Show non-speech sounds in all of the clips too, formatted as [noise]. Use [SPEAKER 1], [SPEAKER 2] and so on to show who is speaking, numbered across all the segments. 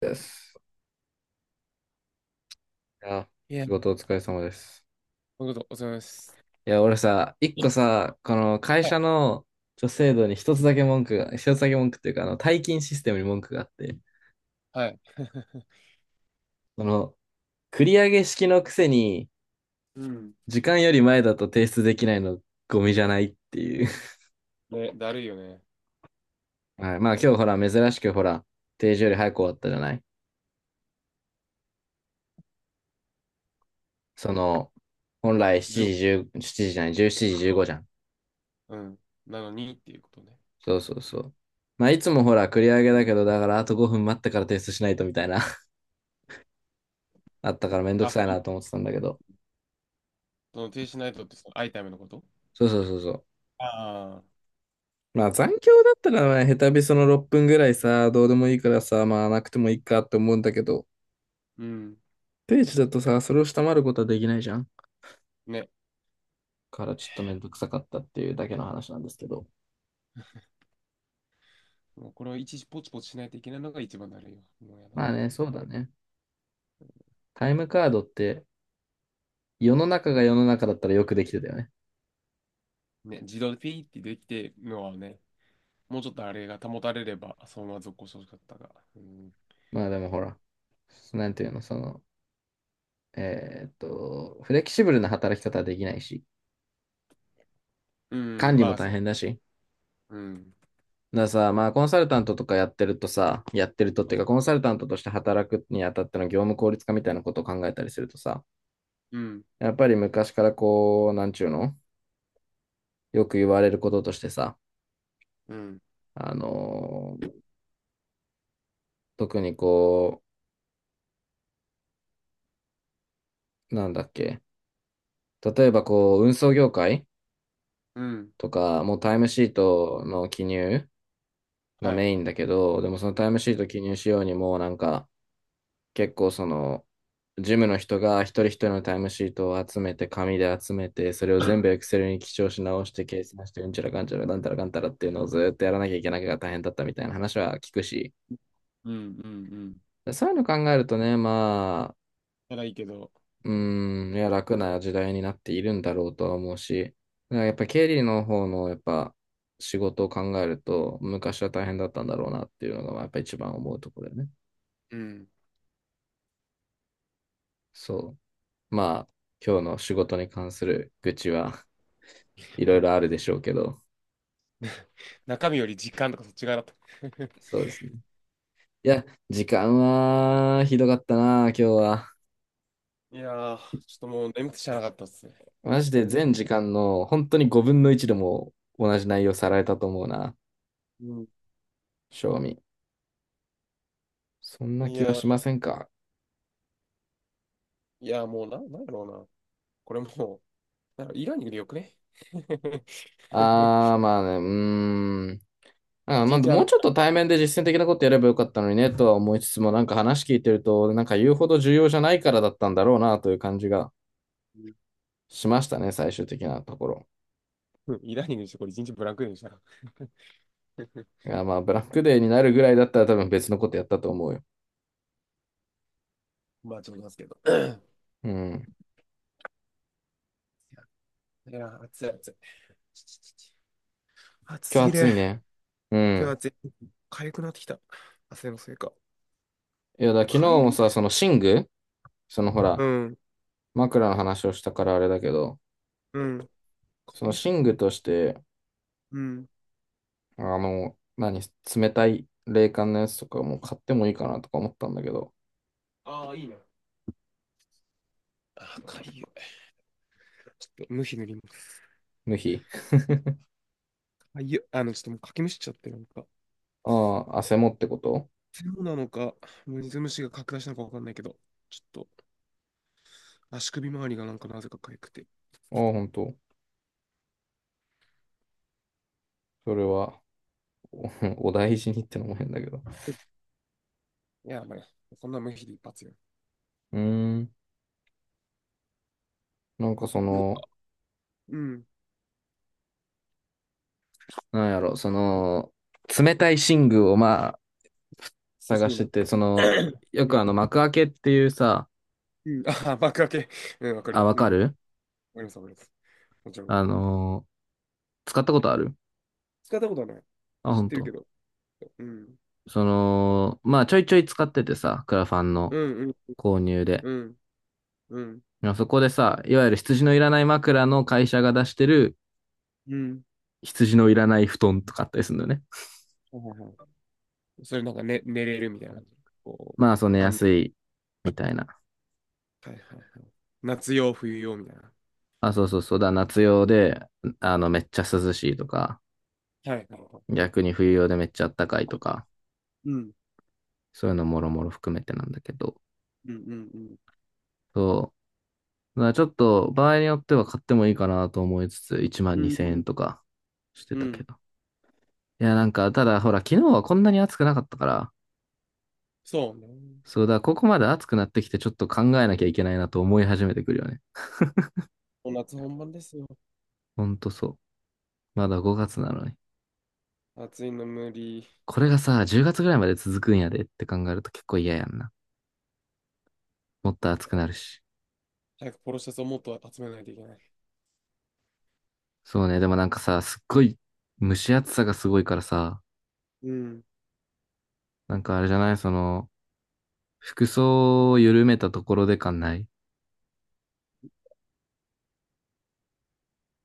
[SPEAKER 1] です。いや、
[SPEAKER 2] いや、
[SPEAKER 1] 仕事お疲れ様です。
[SPEAKER 2] そこと、お疲れ様です。
[SPEAKER 1] いや、俺さ、一個さ、この会
[SPEAKER 2] は
[SPEAKER 1] 社
[SPEAKER 2] い。
[SPEAKER 1] の制度に一つだけ文句っていうか、退勤システムに文句があって、
[SPEAKER 2] はい [laughs]
[SPEAKER 1] その、繰り上げ式のくせに、
[SPEAKER 2] うん。
[SPEAKER 1] 時間より前だと提出できないの、ゴミじゃないっていう。[laughs]
[SPEAKER 2] [laughs] ね、だるいよね。
[SPEAKER 1] はい、まあ今日ほら、珍しくほら、定時より早く終わったじゃない。その、本来
[SPEAKER 2] 15
[SPEAKER 1] 7時10、7時じじゃない、17時15じじゅうごじゃん。
[SPEAKER 2] 分。うん。なのにっていうことね。
[SPEAKER 1] そうそうそう。まあいつもほら、繰り上
[SPEAKER 2] う
[SPEAKER 1] げだけ
[SPEAKER 2] ん。
[SPEAKER 1] ど、だからあと5分待ってから提出しないとみたいな。あったからめんどく
[SPEAKER 2] あ、
[SPEAKER 1] さいなと思ってたんだけど。
[SPEAKER 2] その停止しないとってアイタイムのこと、
[SPEAKER 1] そうそうそうそう。
[SPEAKER 2] ああー。
[SPEAKER 1] まあ残響だったらね、下手びその6分ぐらいさ、どうでもいいからさ、まあなくてもいいかって思うんだけど、
[SPEAKER 2] うん。
[SPEAKER 1] 定時だとさ、それを下回ることはできないじゃん。
[SPEAKER 2] ね。
[SPEAKER 1] からちょっとめんどくさかったっていうだけの話なんですけど。
[SPEAKER 2] もうこれを一時ポチポチしないといけないのが一番だるいよ。もうやだ。
[SPEAKER 1] まあね、そうだね。タイムカードって、世の中が
[SPEAKER 2] ね、
[SPEAKER 1] 世の中だったらよくできてたよね。
[SPEAKER 2] ね、自動でピーってできてるのはね、もうちょっとあれが保たれれば、そのまま続行してほしかったが。うん。
[SPEAKER 1] まあでもほら、なんていうの、フレキシブルな働き方はできないし、
[SPEAKER 2] う
[SPEAKER 1] 管
[SPEAKER 2] ん、
[SPEAKER 1] 理
[SPEAKER 2] ま
[SPEAKER 1] も
[SPEAKER 2] あ
[SPEAKER 1] 大
[SPEAKER 2] そ
[SPEAKER 1] 変だし、
[SPEAKER 2] う。うん。
[SPEAKER 1] だからさ、まあ、コンサルタントとかやってるとさ、やってるとっていうか、コンサルタントとして働くにあたっての業務効率化みたいなことを考えたりするとさ、
[SPEAKER 2] うん。
[SPEAKER 1] やっぱり昔からこう、なんちゅうの、よく言われることとしてさ、
[SPEAKER 2] うん。
[SPEAKER 1] あのー特にこう、なんだっけ、例えばこう、運送業界
[SPEAKER 2] うん。
[SPEAKER 1] とか、もうタイムシートの記入が
[SPEAKER 2] はい。
[SPEAKER 1] メインだけど、でもそのタイムシート記入しようにもうなんか、結構その、ジムの人が一人一人のタイムシートを集めて、紙で集めて、それを全部エ
[SPEAKER 2] [laughs]
[SPEAKER 1] クセルに記帳し直して、計算して、うんちゃらかんちゃら、なんたらかんたらっていうのをずっとやらなきゃいけないが大変だったみたいな話は聞くし、
[SPEAKER 2] うんうんうん、
[SPEAKER 1] そういうの考えるとね、まあ、
[SPEAKER 2] ならいいけど、っ
[SPEAKER 1] う
[SPEAKER 2] ていうね。
[SPEAKER 1] ーん、いや、楽な時代になっているんだろうとは思うし、だからやっぱ経理の方のやっぱ仕事を考えると、昔は大変だったんだろうなっていうのが、まあやっぱ一番思うところだよね。
[SPEAKER 2] うん。
[SPEAKER 1] そう。まあ、今日の仕事に関する愚痴はいろいろあるでしょうけど、
[SPEAKER 2] [laughs] 中身より実感とかそっち側だった。[laughs]
[SPEAKER 1] そうですね。いや、時間はひどかったな、今日は。
[SPEAKER 2] いやー、ちょっともう眠くてしゃあなかったっすね。
[SPEAKER 1] マジで全時間の本当に5分の1でも同じ内容さられたと思うな、
[SPEAKER 2] うん。
[SPEAKER 1] 正味。そんな
[SPEAKER 2] い
[SPEAKER 1] 気
[SPEAKER 2] や
[SPEAKER 1] は
[SPEAKER 2] ー、
[SPEAKER 1] しませんか？
[SPEAKER 2] いやーもうなんやろうな。これもう、なんかイラーニングでよくね。[laughs]
[SPEAKER 1] あー、まあね、うーん。あー、ま
[SPEAKER 2] 一
[SPEAKER 1] あ、
[SPEAKER 2] 日
[SPEAKER 1] もうちょっと対面で実践的なことやればよかったのにね、とは思いつつも、なんか話聞いてると、なんか言うほど重要じゃないからだったんだろうな、という感じが
[SPEAKER 2] うん、
[SPEAKER 1] しましたね、最終的なところ。
[SPEAKER 2] イラーニングにしてこれ一日ブランクでしたら。[laughs]
[SPEAKER 1] いや、まあ、ブラックデーになるぐらいだったら多分別のことやったと思うよ。
[SPEAKER 2] まあちょっといますけど。[clears throat] いや
[SPEAKER 1] うん。
[SPEAKER 2] ー、いや暑い暑い。暑す
[SPEAKER 1] 今日
[SPEAKER 2] ぎ
[SPEAKER 1] 暑
[SPEAKER 2] る。
[SPEAKER 1] いね。う
[SPEAKER 2] 今日
[SPEAKER 1] ん。
[SPEAKER 2] 暑い。痒くなってきた。汗のせいか。
[SPEAKER 1] いや、昨日
[SPEAKER 2] 痒い
[SPEAKER 1] も
[SPEAKER 2] る、
[SPEAKER 1] さ、その寝具、そのほ
[SPEAKER 2] う
[SPEAKER 1] ら、
[SPEAKER 2] ん。
[SPEAKER 1] 枕の話をしたからあれだけど、
[SPEAKER 2] うん。
[SPEAKER 1] その
[SPEAKER 2] 痒す
[SPEAKER 1] 寝
[SPEAKER 2] ぎ
[SPEAKER 1] 具
[SPEAKER 2] る。
[SPEAKER 1] として、
[SPEAKER 2] うん。
[SPEAKER 1] 何、冷たい冷感のやつとかも買ってもいいかなとか思ったんだけど、
[SPEAKER 2] ああ、いいね。あ、かゆい。ちょっと、無比塗ります。
[SPEAKER 1] 無比。[laughs]
[SPEAKER 2] かゆい。ちょっともうかきむしっちゃって、なんか。
[SPEAKER 1] ああ、汗もってこと。
[SPEAKER 2] そうなのか、水虫が拡大したのかわかんないけど、ちょっと、足首周りがなんかなぜかかゆくて。
[SPEAKER 1] ああ、ほんと。それは、[laughs] お大事にってのも変だけど。
[SPEAKER 2] うん、いや、まあね、そんな無比で一発よ。
[SPEAKER 1] うーん。なんかそ
[SPEAKER 2] うん、
[SPEAKER 1] の、
[SPEAKER 2] うん、
[SPEAKER 1] なんやろ、冷たい寝具をまあ、
[SPEAKER 2] 欲
[SPEAKER 1] 探
[SPEAKER 2] しい
[SPEAKER 1] し
[SPEAKER 2] な
[SPEAKER 1] て
[SPEAKER 2] っ
[SPEAKER 1] て、
[SPEAKER 2] て。[coughs]
[SPEAKER 1] よ
[SPEAKER 2] う
[SPEAKER 1] く
[SPEAKER 2] ん、
[SPEAKER 1] 幕開けっていうさ、
[SPEAKER 2] うん、ああ、爆開け。うん、わかる
[SPEAKER 1] あ、
[SPEAKER 2] よ。
[SPEAKER 1] わ
[SPEAKER 2] う
[SPEAKER 1] か
[SPEAKER 2] ん、わか
[SPEAKER 1] る。
[SPEAKER 2] ります、わかります。もちろん。
[SPEAKER 1] あのー使ったことある？
[SPEAKER 2] 使ったことはない。
[SPEAKER 1] あ、
[SPEAKER 2] 知っ
[SPEAKER 1] 本
[SPEAKER 2] てる
[SPEAKER 1] 当。
[SPEAKER 2] けど。うん、
[SPEAKER 1] まあちょいちょい使っててさ、クラファンの
[SPEAKER 2] うん、うん、
[SPEAKER 1] 購入で。
[SPEAKER 2] うん、うん、
[SPEAKER 1] まあそこでさ、いわゆる羊のいらない枕の会社が出してる
[SPEAKER 2] うん。
[SPEAKER 1] 羊のいらない布団とかあったりするんだよね。
[SPEAKER 2] はいはいはい、それなんか、ね、寝れるみたいな。こう、
[SPEAKER 1] まあそう、寝やすいみたいな。
[SPEAKER 2] はいはいはい。夏用、冬用みたいな。
[SPEAKER 1] あ、そうそうそうだ、夏用で、めっちゃ涼しいとか、
[SPEAKER 2] はいはいはい。
[SPEAKER 1] 逆に冬用でめっちゃ暖かいとか、
[SPEAKER 2] うん。
[SPEAKER 1] そういうのもろもろ含めてなんだけど、
[SPEAKER 2] うんうん
[SPEAKER 1] そう。だからちょっと場合によっては買ってもいいかなと思いつつ、1万
[SPEAKER 2] うん。う
[SPEAKER 1] 2000
[SPEAKER 2] んう
[SPEAKER 1] 円
[SPEAKER 2] ん。
[SPEAKER 1] とかして
[SPEAKER 2] う
[SPEAKER 1] たけ
[SPEAKER 2] ん。
[SPEAKER 1] ど。いや、なんか、ただ、ほら、昨日はこんなに暑くなかったから、
[SPEAKER 2] そうね。も
[SPEAKER 1] そうだ、ここまで暑くなってきて、ちょっと考えなきゃいけないなと思い始めてくるよね。
[SPEAKER 2] う夏本番ですよ。
[SPEAKER 1] ほんとそう。まだ5月なのに。
[SPEAKER 2] 暑いの無理。
[SPEAKER 1] これがさ、10月ぐらいまで続くんやでって考えると結構嫌やんな。もっと暑くなるし。
[SPEAKER 2] 早くポロシャツをもっと集めないといけない。
[SPEAKER 1] そうね、でもなんかさ、すっごい、蒸し暑さがすごいからさ、
[SPEAKER 2] うん。
[SPEAKER 1] なんかあれじゃない、服装を緩めたところで感ない。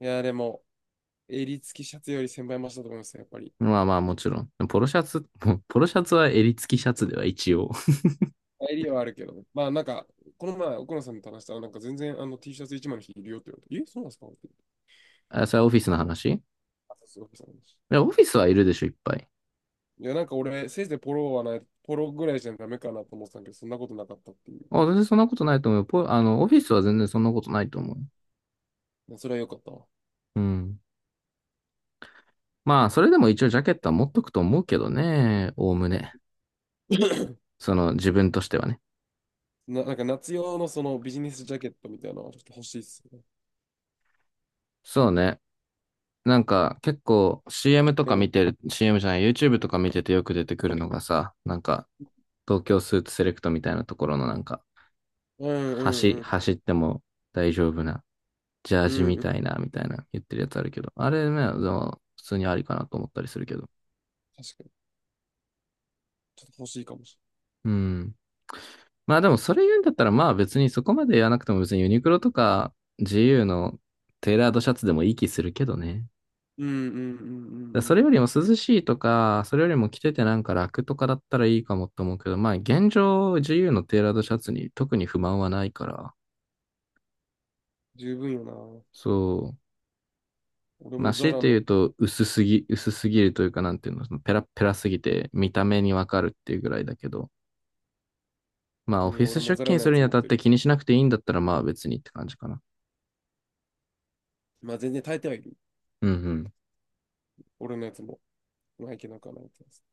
[SPEAKER 2] いや、でも、襟付きシャツより先輩0 0倍だと思いますよ、やっぱり。
[SPEAKER 1] まあまあもちろん。ポロシャツ、もうポロシャツは襟付きシャツでは一応。
[SPEAKER 2] 襟はあるけど。まあ、なんか、この前、奥野さんと話したら、なんか全然あの T シャツ一枚の日いるよって言われて、え、そうなんですかって。
[SPEAKER 1] [laughs] あ、それはオフィスの話？い
[SPEAKER 2] あ、そうそうそう。
[SPEAKER 1] や、オフィスはいるでしょ、いっぱい。
[SPEAKER 2] いや、なんか俺、せいぜいポロはない、ポロぐらいじゃダメかなと思ってたんだけど、そんなことなかったっていう。
[SPEAKER 1] あ、全然そんなことないと思うよ。ポあの、オフィスは全然そんなことないと思う。
[SPEAKER 2] それは良かったわ。
[SPEAKER 1] うん。まあ、それでも一応ジャケットは持っとくと思うけどね。おおむね。
[SPEAKER 2] [laughs] [clears throat]
[SPEAKER 1] 自分としてはね。
[SPEAKER 2] なんか夏用のそのビジネスジャケットみたいなのはちょっと欲しいっすね。
[SPEAKER 1] そうね。なんか、結構 CM とか
[SPEAKER 2] うん。
[SPEAKER 1] 見てる、CM じゃない、YouTube とか見ててよく出てくるのがさ、なんか、東京スーツセレクトみたいなところのなんか、
[SPEAKER 2] うんうんうん。
[SPEAKER 1] 走っても大丈夫な、ジャー
[SPEAKER 2] う
[SPEAKER 1] ジみ
[SPEAKER 2] んうん。
[SPEAKER 1] たいな、言ってるやつあるけど、あれね、でも普通にありかなと思ったりするけど。
[SPEAKER 2] 確かに。ちょっと欲しいかもし
[SPEAKER 1] うん。まあでもそれ言うんだったらまあ別にそこまでやらなくても別にユニクロとか GU のテーラードシャツでもいい気するけどね。
[SPEAKER 2] れない。うんうんうんうんう
[SPEAKER 1] それよ
[SPEAKER 2] ん。
[SPEAKER 1] りも涼しいとか、それよりも着ててなんか楽とかだったらいいかもって思うけど、まあ現状 GU のテーラードシャツに特に不満はないから、
[SPEAKER 2] 十分よな。
[SPEAKER 1] そう。
[SPEAKER 2] 俺
[SPEAKER 1] ま
[SPEAKER 2] も
[SPEAKER 1] あ
[SPEAKER 2] ザ
[SPEAKER 1] 強い
[SPEAKER 2] ラ
[SPEAKER 1] て
[SPEAKER 2] の、
[SPEAKER 1] 言うと薄すぎるというかなんていうの、そのペラッペラすぎて見た目にわかるっていうぐらいだけど、まあオ
[SPEAKER 2] う
[SPEAKER 1] フ
[SPEAKER 2] ん、
[SPEAKER 1] ィス
[SPEAKER 2] 俺も
[SPEAKER 1] 出
[SPEAKER 2] ザラ
[SPEAKER 1] 勤
[SPEAKER 2] の
[SPEAKER 1] す
[SPEAKER 2] や
[SPEAKER 1] る
[SPEAKER 2] つ
[SPEAKER 1] にあ
[SPEAKER 2] 持っ
[SPEAKER 1] たっ
[SPEAKER 2] て
[SPEAKER 1] て
[SPEAKER 2] る。
[SPEAKER 1] 気にしなくていいんだったらまあ別にって感じかな。
[SPEAKER 2] まあ全然耐えてはいる。
[SPEAKER 1] うんうん。
[SPEAKER 2] 俺のやつも。まあいけなくはないってやつ。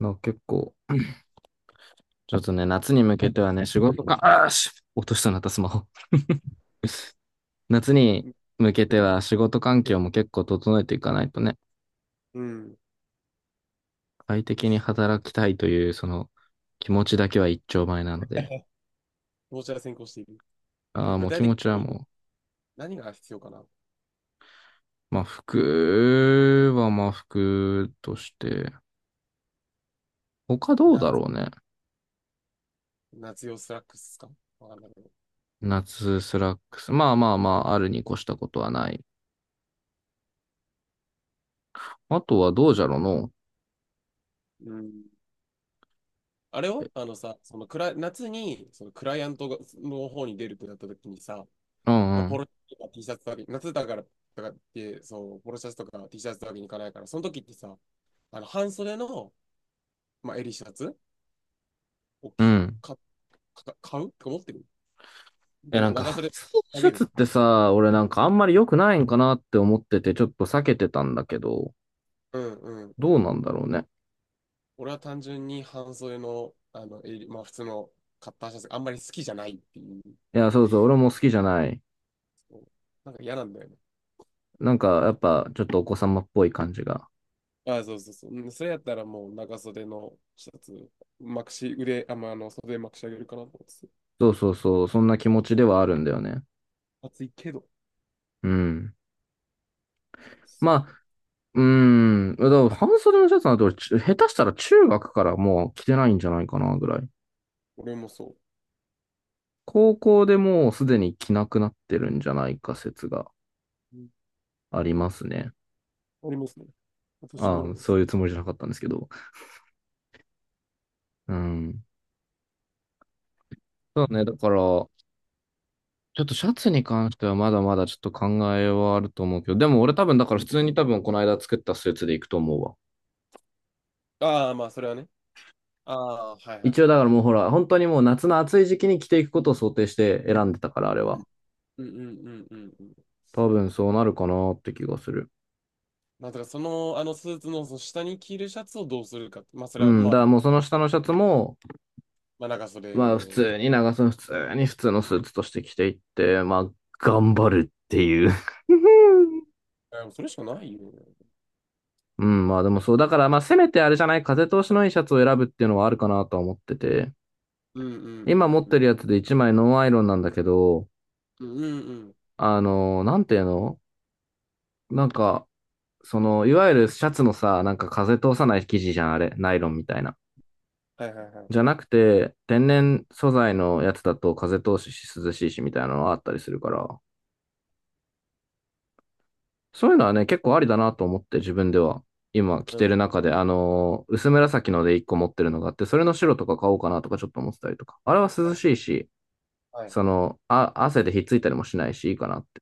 [SPEAKER 1] の結構、ちょっとね、夏に向けてはね、仕事か、あーし、落としたなったスマホ。[laughs] 夏に
[SPEAKER 2] うん、
[SPEAKER 1] 向けて
[SPEAKER 2] あ、
[SPEAKER 1] は仕事環境も結構整えていかないとね、
[SPEAKER 2] うん。
[SPEAKER 1] 快適に働きたいという、その気持ちだけは一丁前なので、
[SPEAKER 2] どちら先行している。
[SPEAKER 1] ああ、
[SPEAKER 2] 具
[SPEAKER 1] もう
[SPEAKER 2] 体
[SPEAKER 1] 気
[SPEAKER 2] 的
[SPEAKER 1] 持ちは
[SPEAKER 2] に
[SPEAKER 1] も
[SPEAKER 2] 何何が必要かな。
[SPEAKER 1] う、まあ服はまあ服として、他どう
[SPEAKER 2] 夏、
[SPEAKER 1] だろうね。
[SPEAKER 2] 夏用スラックスかわかんないけど。
[SPEAKER 1] 夏スラックス。まあまあまあ、あるに越したことはない。あとはどうじゃろうの。
[SPEAKER 2] うん。あれ
[SPEAKER 1] え
[SPEAKER 2] をあのさ、そのクラ、夏にそのクライアントがの方に出るってなった時にさ、
[SPEAKER 1] うん
[SPEAKER 2] まあ、
[SPEAKER 1] う
[SPEAKER 2] ポ
[SPEAKER 1] ん。
[SPEAKER 2] ロシャツとか T シャツだけ、夏だからとかって、そう、ポロシャツとか T シャツだけに行かないから、その時ってさ、あの半袖の、まあ、襟シャツを
[SPEAKER 1] う
[SPEAKER 2] き
[SPEAKER 1] ん。
[SPEAKER 2] か、か買うとて思ってる。で
[SPEAKER 1] え、な
[SPEAKER 2] も
[SPEAKER 1] ん
[SPEAKER 2] 長
[SPEAKER 1] か、
[SPEAKER 2] 袖あ
[SPEAKER 1] シ
[SPEAKER 2] げ
[SPEAKER 1] ャツ
[SPEAKER 2] る。
[SPEAKER 1] ってさ、俺なんかあんまり良くないんかなって思ってて、ちょっと避けてたんだけど、
[SPEAKER 2] うんうんう
[SPEAKER 1] どう
[SPEAKER 2] ん。
[SPEAKER 1] なんだろうね。
[SPEAKER 2] 俺は単純に半袖の、あの襟、まあ、普通のカッターシャツがあんまり好きじゃないっていう、
[SPEAKER 1] いや、そうそう、俺も好きじゃない。
[SPEAKER 2] そう、なんか嫌なんだよね。
[SPEAKER 1] なんか、やっぱ、ちょっとお子様っぽい感じが。
[SPEAKER 2] あ、そうそうそう。うん、それやったらもう長袖のシャツ、まくし、腕、あ、まあ、袖まくし上げるかなと思ってて。
[SPEAKER 1] そうそうそう、そんな気持ちではあるんだよね。
[SPEAKER 2] 暑いけど。
[SPEAKER 1] うん。
[SPEAKER 2] そう。
[SPEAKER 1] まあ、うーん。だから半袖のシャツなんて俺、ち下手したら中学からもう着てないんじゃないかなぐらい。
[SPEAKER 2] 俺もそう。
[SPEAKER 1] 高校でもうすでに着なくなってるんじゃないか説が
[SPEAKER 2] うん、
[SPEAKER 1] ありますね。
[SPEAKER 2] ありますね。私もあり
[SPEAKER 1] ああ、
[SPEAKER 2] ま
[SPEAKER 1] そ
[SPEAKER 2] す。
[SPEAKER 1] ういうつもりじゃなかったんですけど。うん。そうね、だから、ちょっとシャツに関してはまだまだちょっと考えはあると思うけど、でも俺多分だから普通に多分この間作ったスーツで行くと思うわ。
[SPEAKER 2] ああ、まあ、それはね。ああ、はいはい
[SPEAKER 1] 一応
[SPEAKER 2] はい。
[SPEAKER 1] だからもうほら、本当にもう夏の暑い時期に着ていくことを想定して選んでたから、あれは。
[SPEAKER 2] うんうんうんうんうん。
[SPEAKER 1] 多分そうなるかなって気がする。
[SPEAKER 2] まあ、だからその、あのスーツの、その下に着るシャツをどうするかって。まあ、そ
[SPEAKER 1] う
[SPEAKER 2] れは、
[SPEAKER 1] ん、
[SPEAKER 2] ま
[SPEAKER 1] だから
[SPEAKER 2] あ、
[SPEAKER 1] もうその下のシャツも、
[SPEAKER 2] まあ、長
[SPEAKER 1] まあ普
[SPEAKER 2] 袖。
[SPEAKER 1] 通に長袖、普通に普通のスーツとして着ていって、まあ頑張るっていう。 [laughs]
[SPEAKER 2] あ、それしかないよね。
[SPEAKER 1] うん、まあでもそう、だからまあせめてあれじゃない、風通しのいいシャツを選ぶっていうのはあるかなとは思ってて。
[SPEAKER 2] うんう
[SPEAKER 1] 今
[SPEAKER 2] ん
[SPEAKER 1] 持っ
[SPEAKER 2] うん
[SPEAKER 1] て
[SPEAKER 2] う
[SPEAKER 1] る
[SPEAKER 2] ん。
[SPEAKER 1] やつで一枚ノンアイロンなんだけど、
[SPEAKER 2] うんうんうん。
[SPEAKER 1] なんていうの、なんか、その、いわゆるシャツのさ、なんか風通さない生地じゃん、あれ。ナイロンみたいな。
[SPEAKER 2] はいはいはい。
[SPEAKER 1] じゃなくて、天然素材のやつだと風通しし涼しいしみたいなのがあったりするから、そういうのはね、結構ありだなと思って自分では。今着
[SPEAKER 2] う
[SPEAKER 1] てる
[SPEAKER 2] ん。
[SPEAKER 1] 中で、薄紫ので一個持ってるのがあって、それの白とか買おうかなとかちょっと思ってたりとか。あれは
[SPEAKER 2] は
[SPEAKER 1] 涼
[SPEAKER 2] い
[SPEAKER 1] しいし、
[SPEAKER 2] はい。
[SPEAKER 1] その、あ、汗でひっついたりもしないし、いいかなって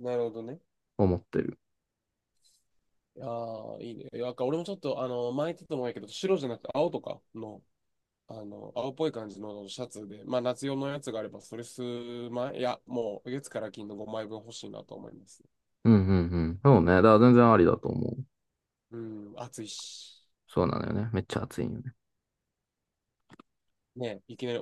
[SPEAKER 2] なるほどね。
[SPEAKER 1] 思ってる。
[SPEAKER 2] いやー、いいね。なんか俺もちょっと、前言ってたと思うんやけど、白じゃなくて青とかの、青っぽい感じのシャツで、まあ夏用のやつがあれば、それ数枚、いや、もう月から金の5枚分欲しいなと思います。
[SPEAKER 1] うんうんうん。そうね。だから全然ありだと思う。
[SPEAKER 2] うん、暑いし。
[SPEAKER 1] そうなのよね。めっちゃ暑いんよね。
[SPEAKER 2] ね、いきなり